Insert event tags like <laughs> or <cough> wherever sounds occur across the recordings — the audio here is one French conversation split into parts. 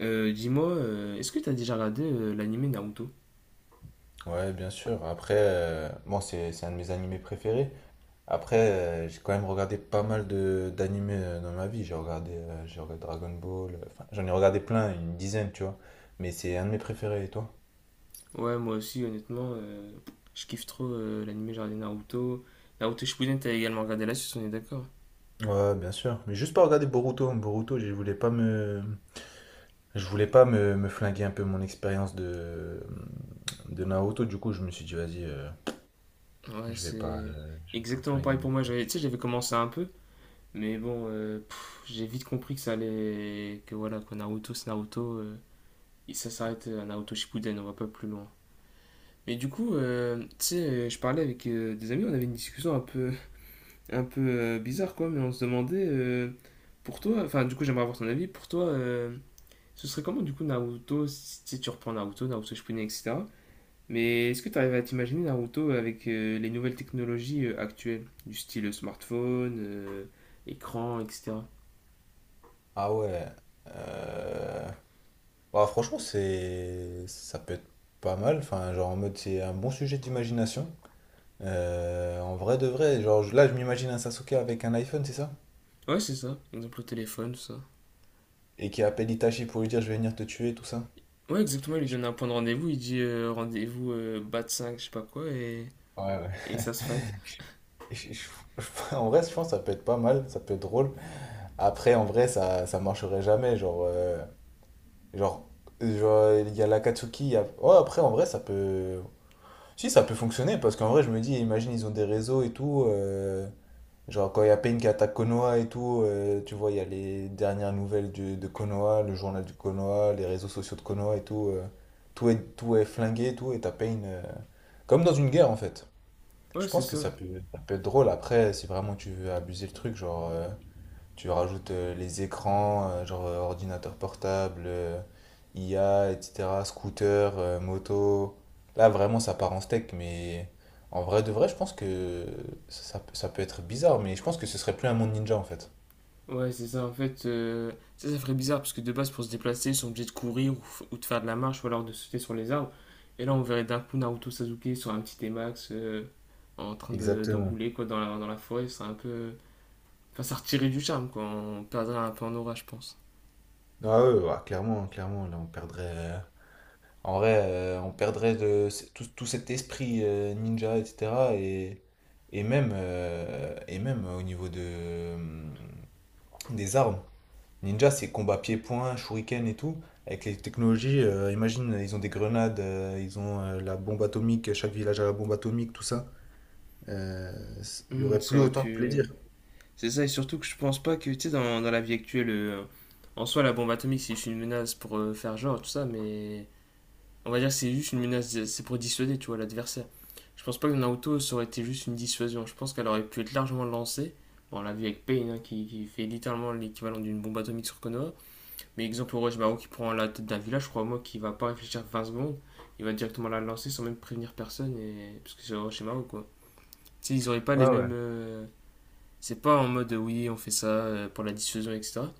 Dis-moi, est-ce que t'as déjà regardé l'anime Naruto? Ouais, bien sûr. Après, bon, c'est un de mes animés préférés. Après, j'ai quand même regardé pas mal de d'animés dans ma vie. J'ai regardé Dragon Ball. Enfin, j'en ai regardé plein, une dizaine, tu vois. Mais c'est un de mes préférés, et toi? Ouais, moi aussi, honnêtement, je kiffe trop l'anime, j'ai regardé Naruto. Naruto Shippuden, t'as également regardé la suite, on est d'accord? Ouais, bien sûr. Mais juste pas regarder Boruto. Boruto, je voulais pas me, me flinguer un peu mon expérience de Naruto. Du coup, je me suis dit, vas-y, Ouais, c'est je vais pas me exactement pareil flinguer. pour moi. J'avais, tu sais, j'avais commencé un peu, mais bon, j'ai vite compris que ça allait, que voilà, quoi, Naruto, c'est Naruto, et ça s'arrête à Naruto Shippuden, on va pas plus loin. Mais du coup, tu sais, je parlais avec des amis, on avait une discussion un peu, un peu bizarre, quoi, mais on se demandait, pour toi, enfin, du coup, j'aimerais avoir ton avis, pour toi, ce serait comment, du coup, Naruto, si tu reprends Naruto, Naruto Shippuden, etc. Mais est-ce que tu arrives à t'imaginer Naruto avec les nouvelles technologies actuelles, du style smartphone, écran, etc. Ah ouais. Euh... Bah, franchement, c'est ça peut être pas mal. Enfin, genre en mode, c'est un bon sujet d'imagination. En vrai de vrai, genre là, je m'imagine un Sasuke avec un iPhone, c'est ça? Ouais, c'est ça, exemple le téléphone, tout ça. Et qui appelle Itachi pour lui dire je vais venir te tuer, tout ça. Ouais, exactement, il lui Je- donne un point de rendez-vous, il dit rendez-vous bat 5, je sais pas quoi, et, Ouais, ouais. et ça se fight. <laughs> Et en vrai, je pense que ça peut être pas mal, ça peut être drôle. Après, en vrai, ça marcherait jamais. Genre, genre, il y a l'Akatsuki. Ouais, après, en vrai, ça peut. Si, ça peut fonctionner, parce qu'en vrai, je me dis, imagine, ils ont des réseaux et tout, genre, quand il y a Pain qui attaque Konoha et tout, tu vois, il y a les dernières nouvelles de Konoha, le journal du Konoha, les réseaux sociaux de Konoha et tout. Tout est flingué et tout, et t'as Pain, comme dans une guerre, en fait. Ouais, Je c'est pense que ça. Ça peut être drôle après, si vraiment tu veux abuser le truc. Tu rajoutes les écrans, ordinateur portable, IA, etc., scooter, moto. Là, vraiment, ça part en steak, mais en vrai de vrai, je pense que ça peut être bizarre, mais je pense que ce serait plus un monde ninja en fait. Ouais, c'est ça. En fait, ça, ça ferait bizarre parce que de base, pour se déplacer, ils sont obligés de courir ou de faire de la marche ou alors de sauter sur les arbres. Et là, on verrait d'un coup Naruto Sasuke sur un petit T-Max en train de Exactement. rouler quoi, dans la forêt. C'est un peu... Enfin, ça retirait du charme quoi. On perdrait un peu en aura, je pense. Ah ouais, ouais, clairement, clairement, là On perdrait tout, tout cet esprit ninja, etc. Et même, et même au niveau des armes. Ninja, c'est combat pied-point, shuriken et tout. Avec les technologies, imagine, ils ont des grenades, ils ont la bombe atomique, chaque village a la bombe atomique, tout ça. Il y Hmm, aurait ça plus aurait autant de pu. plaisir. C'est ça, et surtout que je pense pas que, tu sais, dans la vie actuelle, en soi, la bombe atomique, c'est juste une menace pour faire genre, tout ça, mais on va dire que c'est juste une menace, c'est pour dissuader, tu vois, l'adversaire. Je pense pas que Naruto, ça aurait été juste une dissuasion. Je pense qu'elle aurait pu être largement lancée. Bon, on l'a vu avec Pain, hein, qui fait littéralement l'équivalent d'une bombe atomique sur Konoha. Mais exemple, Orochimaru qui prend la tête d'un village, crois-moi, qui va pas réfléchir 20 secondes. Il va directement la lancer sans même prévenir personne, et... parce que c'est Orochimaru, quoi. Tu sais, ils auraient pas les Ouais, ouais. mêmes... C'est pas en mode, oui, on fait ça pour la dissuasion, etc.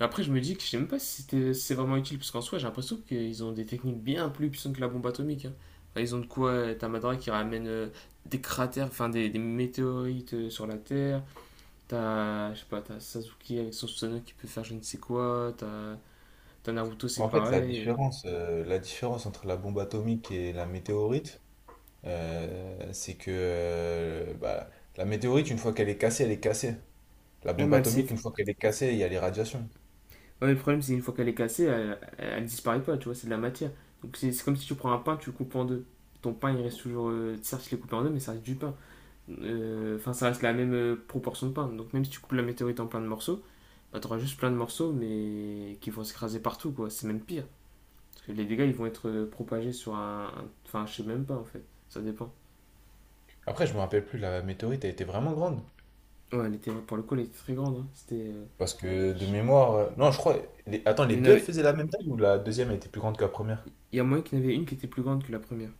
Après, je me dis que je sais même pas si c'est vraiment utile, parce qu'en soi, j'ai l'impression qu'ils ont des techniques bien plus puissantes que la bombe atomique, hein. Enfin, ils ont de quoi. T'as Madara qui ramène des cratères, enfin des météorites sur la Terre. T'as, je sais pas, t'as Sasuke avec son Susanoo qui peut faire je ne sais quoi. T'as Naruto, c'est En fait, pareil. La différence entre la bombe atomique et la météorite, euh, c'est que euh, bah, la météorite, une fois qu'elle est cassée, elle est cassée. La Ouais, bombe atomique, une fois qu'elle est cassée, il y a les radiations. ouais, le problème, c'est une fois qu'elle est cassée, elle disparaît pas, tu vois, c'est de la matière. Donc c'est comme si tu prends un pain, tu le coupes en deux. Ton pain, il reste toujours. Certes, il est coupé en deux, mais ça reste du pain. Enfin, ça reste la même proportion de pain. Donc, même si tu coupes la météorite en plein de morceaux, bah, t'auras juste plein de morceaux, mais qui vont s'écraser partout, quoi. C'est même pire. Parce que les dégâts, ils vont être propagés sur un... Enfin, je sais même pas, en fait. Ça dépend. Après, je me rappelle plus, la météorite, elle était vraiment grande. Ouais, elle était, pour le coup, elle était très grande, hein. C'était... Parce que de mémoire. Non, je crois. Attends, les Il y en deux, elles avait. faisaient la même taille ou la deuxième elle était plus grande que la première? Il y a moyen qu'il y en avait une qui était plus grande que la première.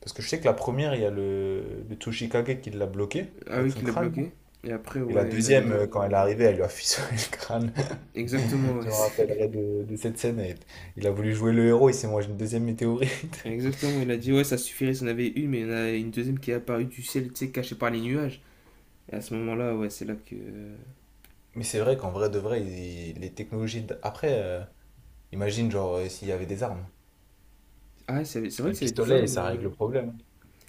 Parce que je sais que la première, il y a le Tsuchikage qui l'a bloqué Ah avec oui, son qu'il l'a crâne. Là. bloquée. Et après, Et la ouais, il y en avait deuxième, deux. Quand elle est arrivée, elle lui a <laughs> fissuré le crâne. Exactement, <laughs> Je ouais. <laughs> me rappellerai de cette scène. Elle- Il a voulu jouer le héros, il s'est mangé une deuxième météorite. <laughs> Exactement, il a dit, ouais, ça suffirait s'il y en avait une, mais il y en a une deuxième qui est apparue du ciel, tu sais, cachée par les nuages. Et à ce moment-là, ouais, c'est là que... Mais c'est vrai qu'en vrai de vrai, les technologies. Après, imagine, genre, s'il y avait des armes. Ah, c'est vrai Un que ça avait des pistolet, armes. ça règle le problème.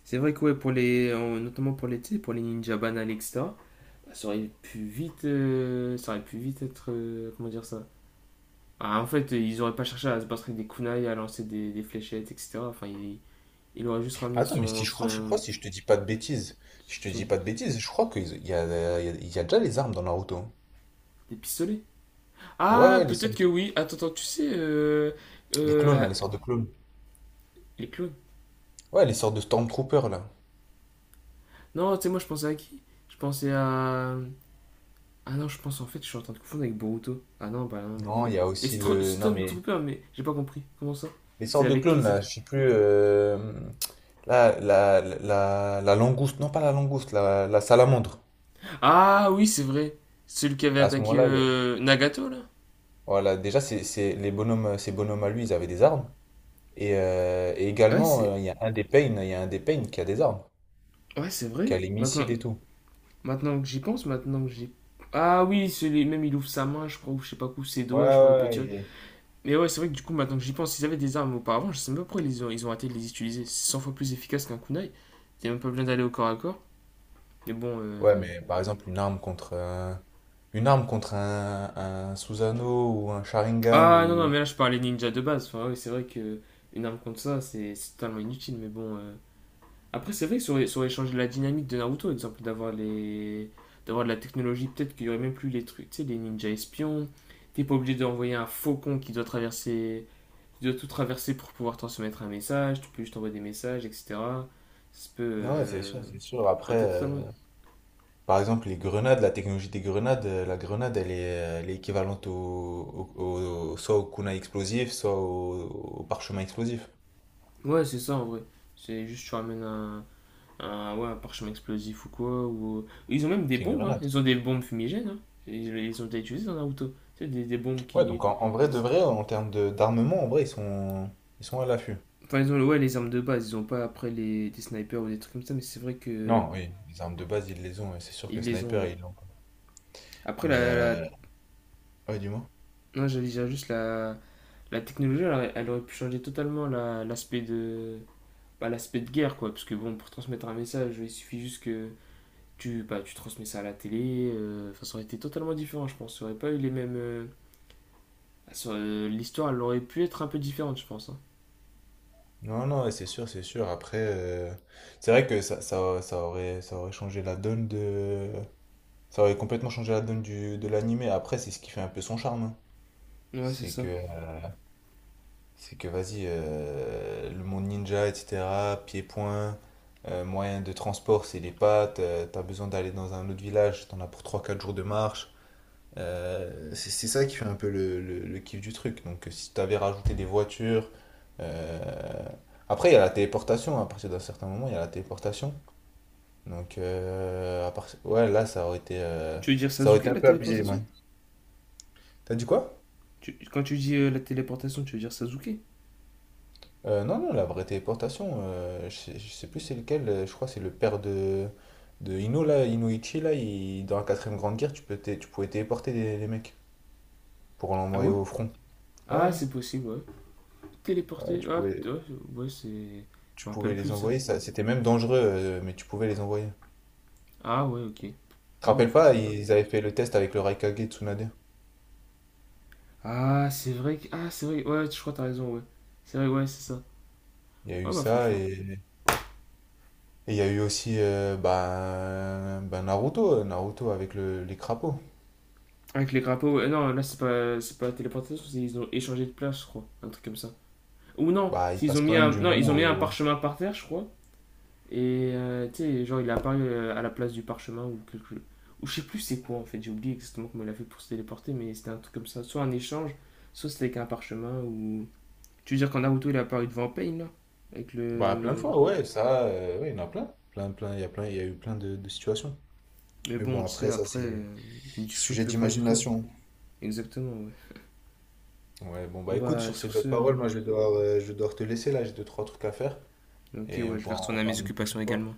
C'est vrai que ouais, notamment pour les, tu sais, pour les ninja banals, etc. Ça aurait pu vite être, comment dire ça? Ah, en fait, ils auraient pas cherché à se battre avec des kunai, à lancer des fléchettes, etc. Enfin, il aurait juste ramené Attends, mais si je crois, si je te dis son- pas de bêtises, je crois qu'il y a déjà les armes dans Naruto. Hein. des pistolets. Ouais, Ah, ouais, peut-être que oui. Attends, attends, tu sais, les clones, euh, là, les sortes de clones. les clones. Ouais, les sortes de Stormtroopers, là. Non, tu sais, moi, je pensais à qui? Je pensais à... Ah non, je pense en fait, je suis en train de confondre avec Boruto. Ah non, bah non, bah en Non, fait... il y a Et aussi le... Non, mais... Stormtrooper, mais j'ai pas compris. Comment ça? Les C'est sortes de avec qui clones, ça? là, je sais plus... Là, la langouste, non pas la langouste, la salamandre. Ah oui, c'est vrai. Celui qui avait À ce attaqué moment-là, Nagato là. voilà, déjà, les bonhommes, ces bonhommes à lui, ils avaient des armes. Et Ouais, également, c'est il y a un des Pain qui a des armes, ouais, c'est qui a vrai. les Maintenant missiles et tout. maintenant que j'y pense, maintenant que j'y... Ah oui, celui même il ouvre sa main, je crois ou je sais pas quoi, ses Ouais, doigts, je crois il peut ouais, tirer. ouais, Mais ouais, c'est vrai que du coup maintenant que j'y pense, ils avaient des armes auparavant, je sais même pas pourquoi ils ont arrêté de les utiliser. C'est 100 fois plus efficace qu'un kunai. Il y a même pas besoin d'aller au corps à corps. Mais bon... Ouais, mais par exemple, une arme contre un Susanoo ou un Sharingan Ah non, non, ou... mais là je parlais ninja de base. Enfin, ouais, c'est vrai que une arme contre ça, c'est totalement inutile. Mais bon, après, c'est vrai que ça aurait changé la dynamique de Naruto, exemple, d'avoir les... d'avoir de la technologie. Peut-être qu'il y aurait même plus les trucs, tu sais, les ninjas espions. T'es pas obligé d'envoyer un faucon qui doit traverser, qui doit tout traverser pour pouvoir transmettre un message. Tu peux juste envoyer des messages, etc. Ça peut... Non, ouais, c'est sûr, c'est sûr. Ça Après, aurait été totalement... par exemple, les grenades, la technologie des grenades, la grenade, elle est équivalente soit au kunai explosif, soit au parchemin explosif. Ouais, c'est ça en vrai. C'est juste tu ramènes un... ouais, un parchemin explosif ou quoi. Ou... Ils ont même des C'est une bombes, hein. grenade. Ils ont des bombes fumigènes, hein. Ils ont été utilisées dans Naruto. Tu sais, des bombes Ouais, qui... donc en vrai, de vrai, en termes d'armement, en vrai, ils sont à l'affût. Enfin, ils ont ouais, les armes de base, ils ont pas après les, des snipers ou des trucs comme ça, mais c'est vrai que Non, oui, les armes de base, ils les ont, ouais, c'est sûr que ils les ont, sniper, ouais. ils l'ont. Pas. Après, Mais, la... la... euh, ouais, dis-moi. Non, j'allais dire juste la technologie, elle, elle aurait pu changer totalement l'aspect de... bah, l'aspect de guerre, quoi. Parce que bon, pour transmettre un message, il suffit juste que bah, tu transmets ça à la télé. Enfin, ça aurait été totalement différent, je pense. Ça aurait pas eu les mêmes... L'histoire, elle aurait pu être un peu différente, je pense, hein. Non, non, ouais, c'est sûr, c'est sûr. Après, c'est vrai que ça aurait changé la donne de... Ça aurait complètement changé la donne de l'animé. Après, c'est ce qui fait un peu son charme. Hein. Ouais, c'est C'est ça. que, c'est que vas-y, le monde ninja, etc., pieds-poings, moyen de transport, c'est les pattes. T'as besoin d'aller dans un autre village, t'en as pour trois quatre jours de marche. C'est ça qui fait un peu le kiff du truc. Donc, si tu avais rajouté des voitures. Euh, Après, il y a la téléportation. À partir d'un certain moment, il y a la téléportation. Donc, ouais, là, Tu veux dire ça aurait Sasuke, été un la peu abusé. téléportation? Ouais. T'as dit quoi? Quand tu dis la téléportation, tu veux dire Sasuke? Non, non, la vraie téléportation, je sais plus c'est lequel. Je crois que c'est le père de Ino, là, Inoichi, là. Dans la quatrième grande guerre, tu pouvais téléporter les mecs pour Ah l'envoyer ouais. au front. Ah, Ouais, c'est possible, ouais. ouais, Téléporter, Tu ah, pouvais. putain, ouais, ouais, c'est... Tu Je me rappelle pouvais plus les de ça. envoyer, ça, c'était même dangereux, mais tu pouvais les envoyer. Tu Ah, ouais, ok. te Ah bah rappelles pas, franchement. ils avaient fait le test avec le Raikage Tsunade. Ah, c'est vrai que... Ah, c'est vrai. Ouais, je crois que t'as raison, ouais. C'est vrai, ouais, c'est ça. Il y a eu Ouais, bah, ça franchement. et il y a eu aussi Naruto avec les crapauds. Avec les grappins, ouais. Non, là, c'est pas la téléportation, c'est ils ont échangé de place, je crois. Un truc comme ça. Ou non, Bah, c'est il ils ont passe mis quand même un, du non, mont ils ont mis un au... parchemin par terre, je crois. Et tu sais, genre, il est apparu à la place du parchemin ou quelque... Ou je sais plus c'est quoi en fait, j'ai oublié exactement comment il a fait pour se téléporter, mais c'était un truc comme ça. Soit un échange, soit c'était avec un parchemin ou... Tu veux dire qu'en Naruto il est apparu devant Pain là? Avec Bah, plein de le... fois, ouais, ça, ouais, il y en a plein. Il y a plein, il y a eu plein de situations. Mais Mais bon, bon, tu sais, après, ça, après, c'est c'est une discussion qui sujet peut prendre du temps. d'imagination. Exactement, ouais. Ouais, bon, bah On écoute, va sur ces sur ce, belles hein. paroles, moi, je vais devoir te laisser là, j'ai deux, trois trucs à faire Ok, et ouais, on je vais pourra en retourner à mes reparler une occupations prochaine fois. également.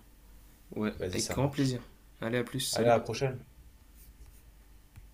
Ouais, Vas-y, avec ça grand marche. plaisir. Allez, à plus, Allez, salut. à la prochaine.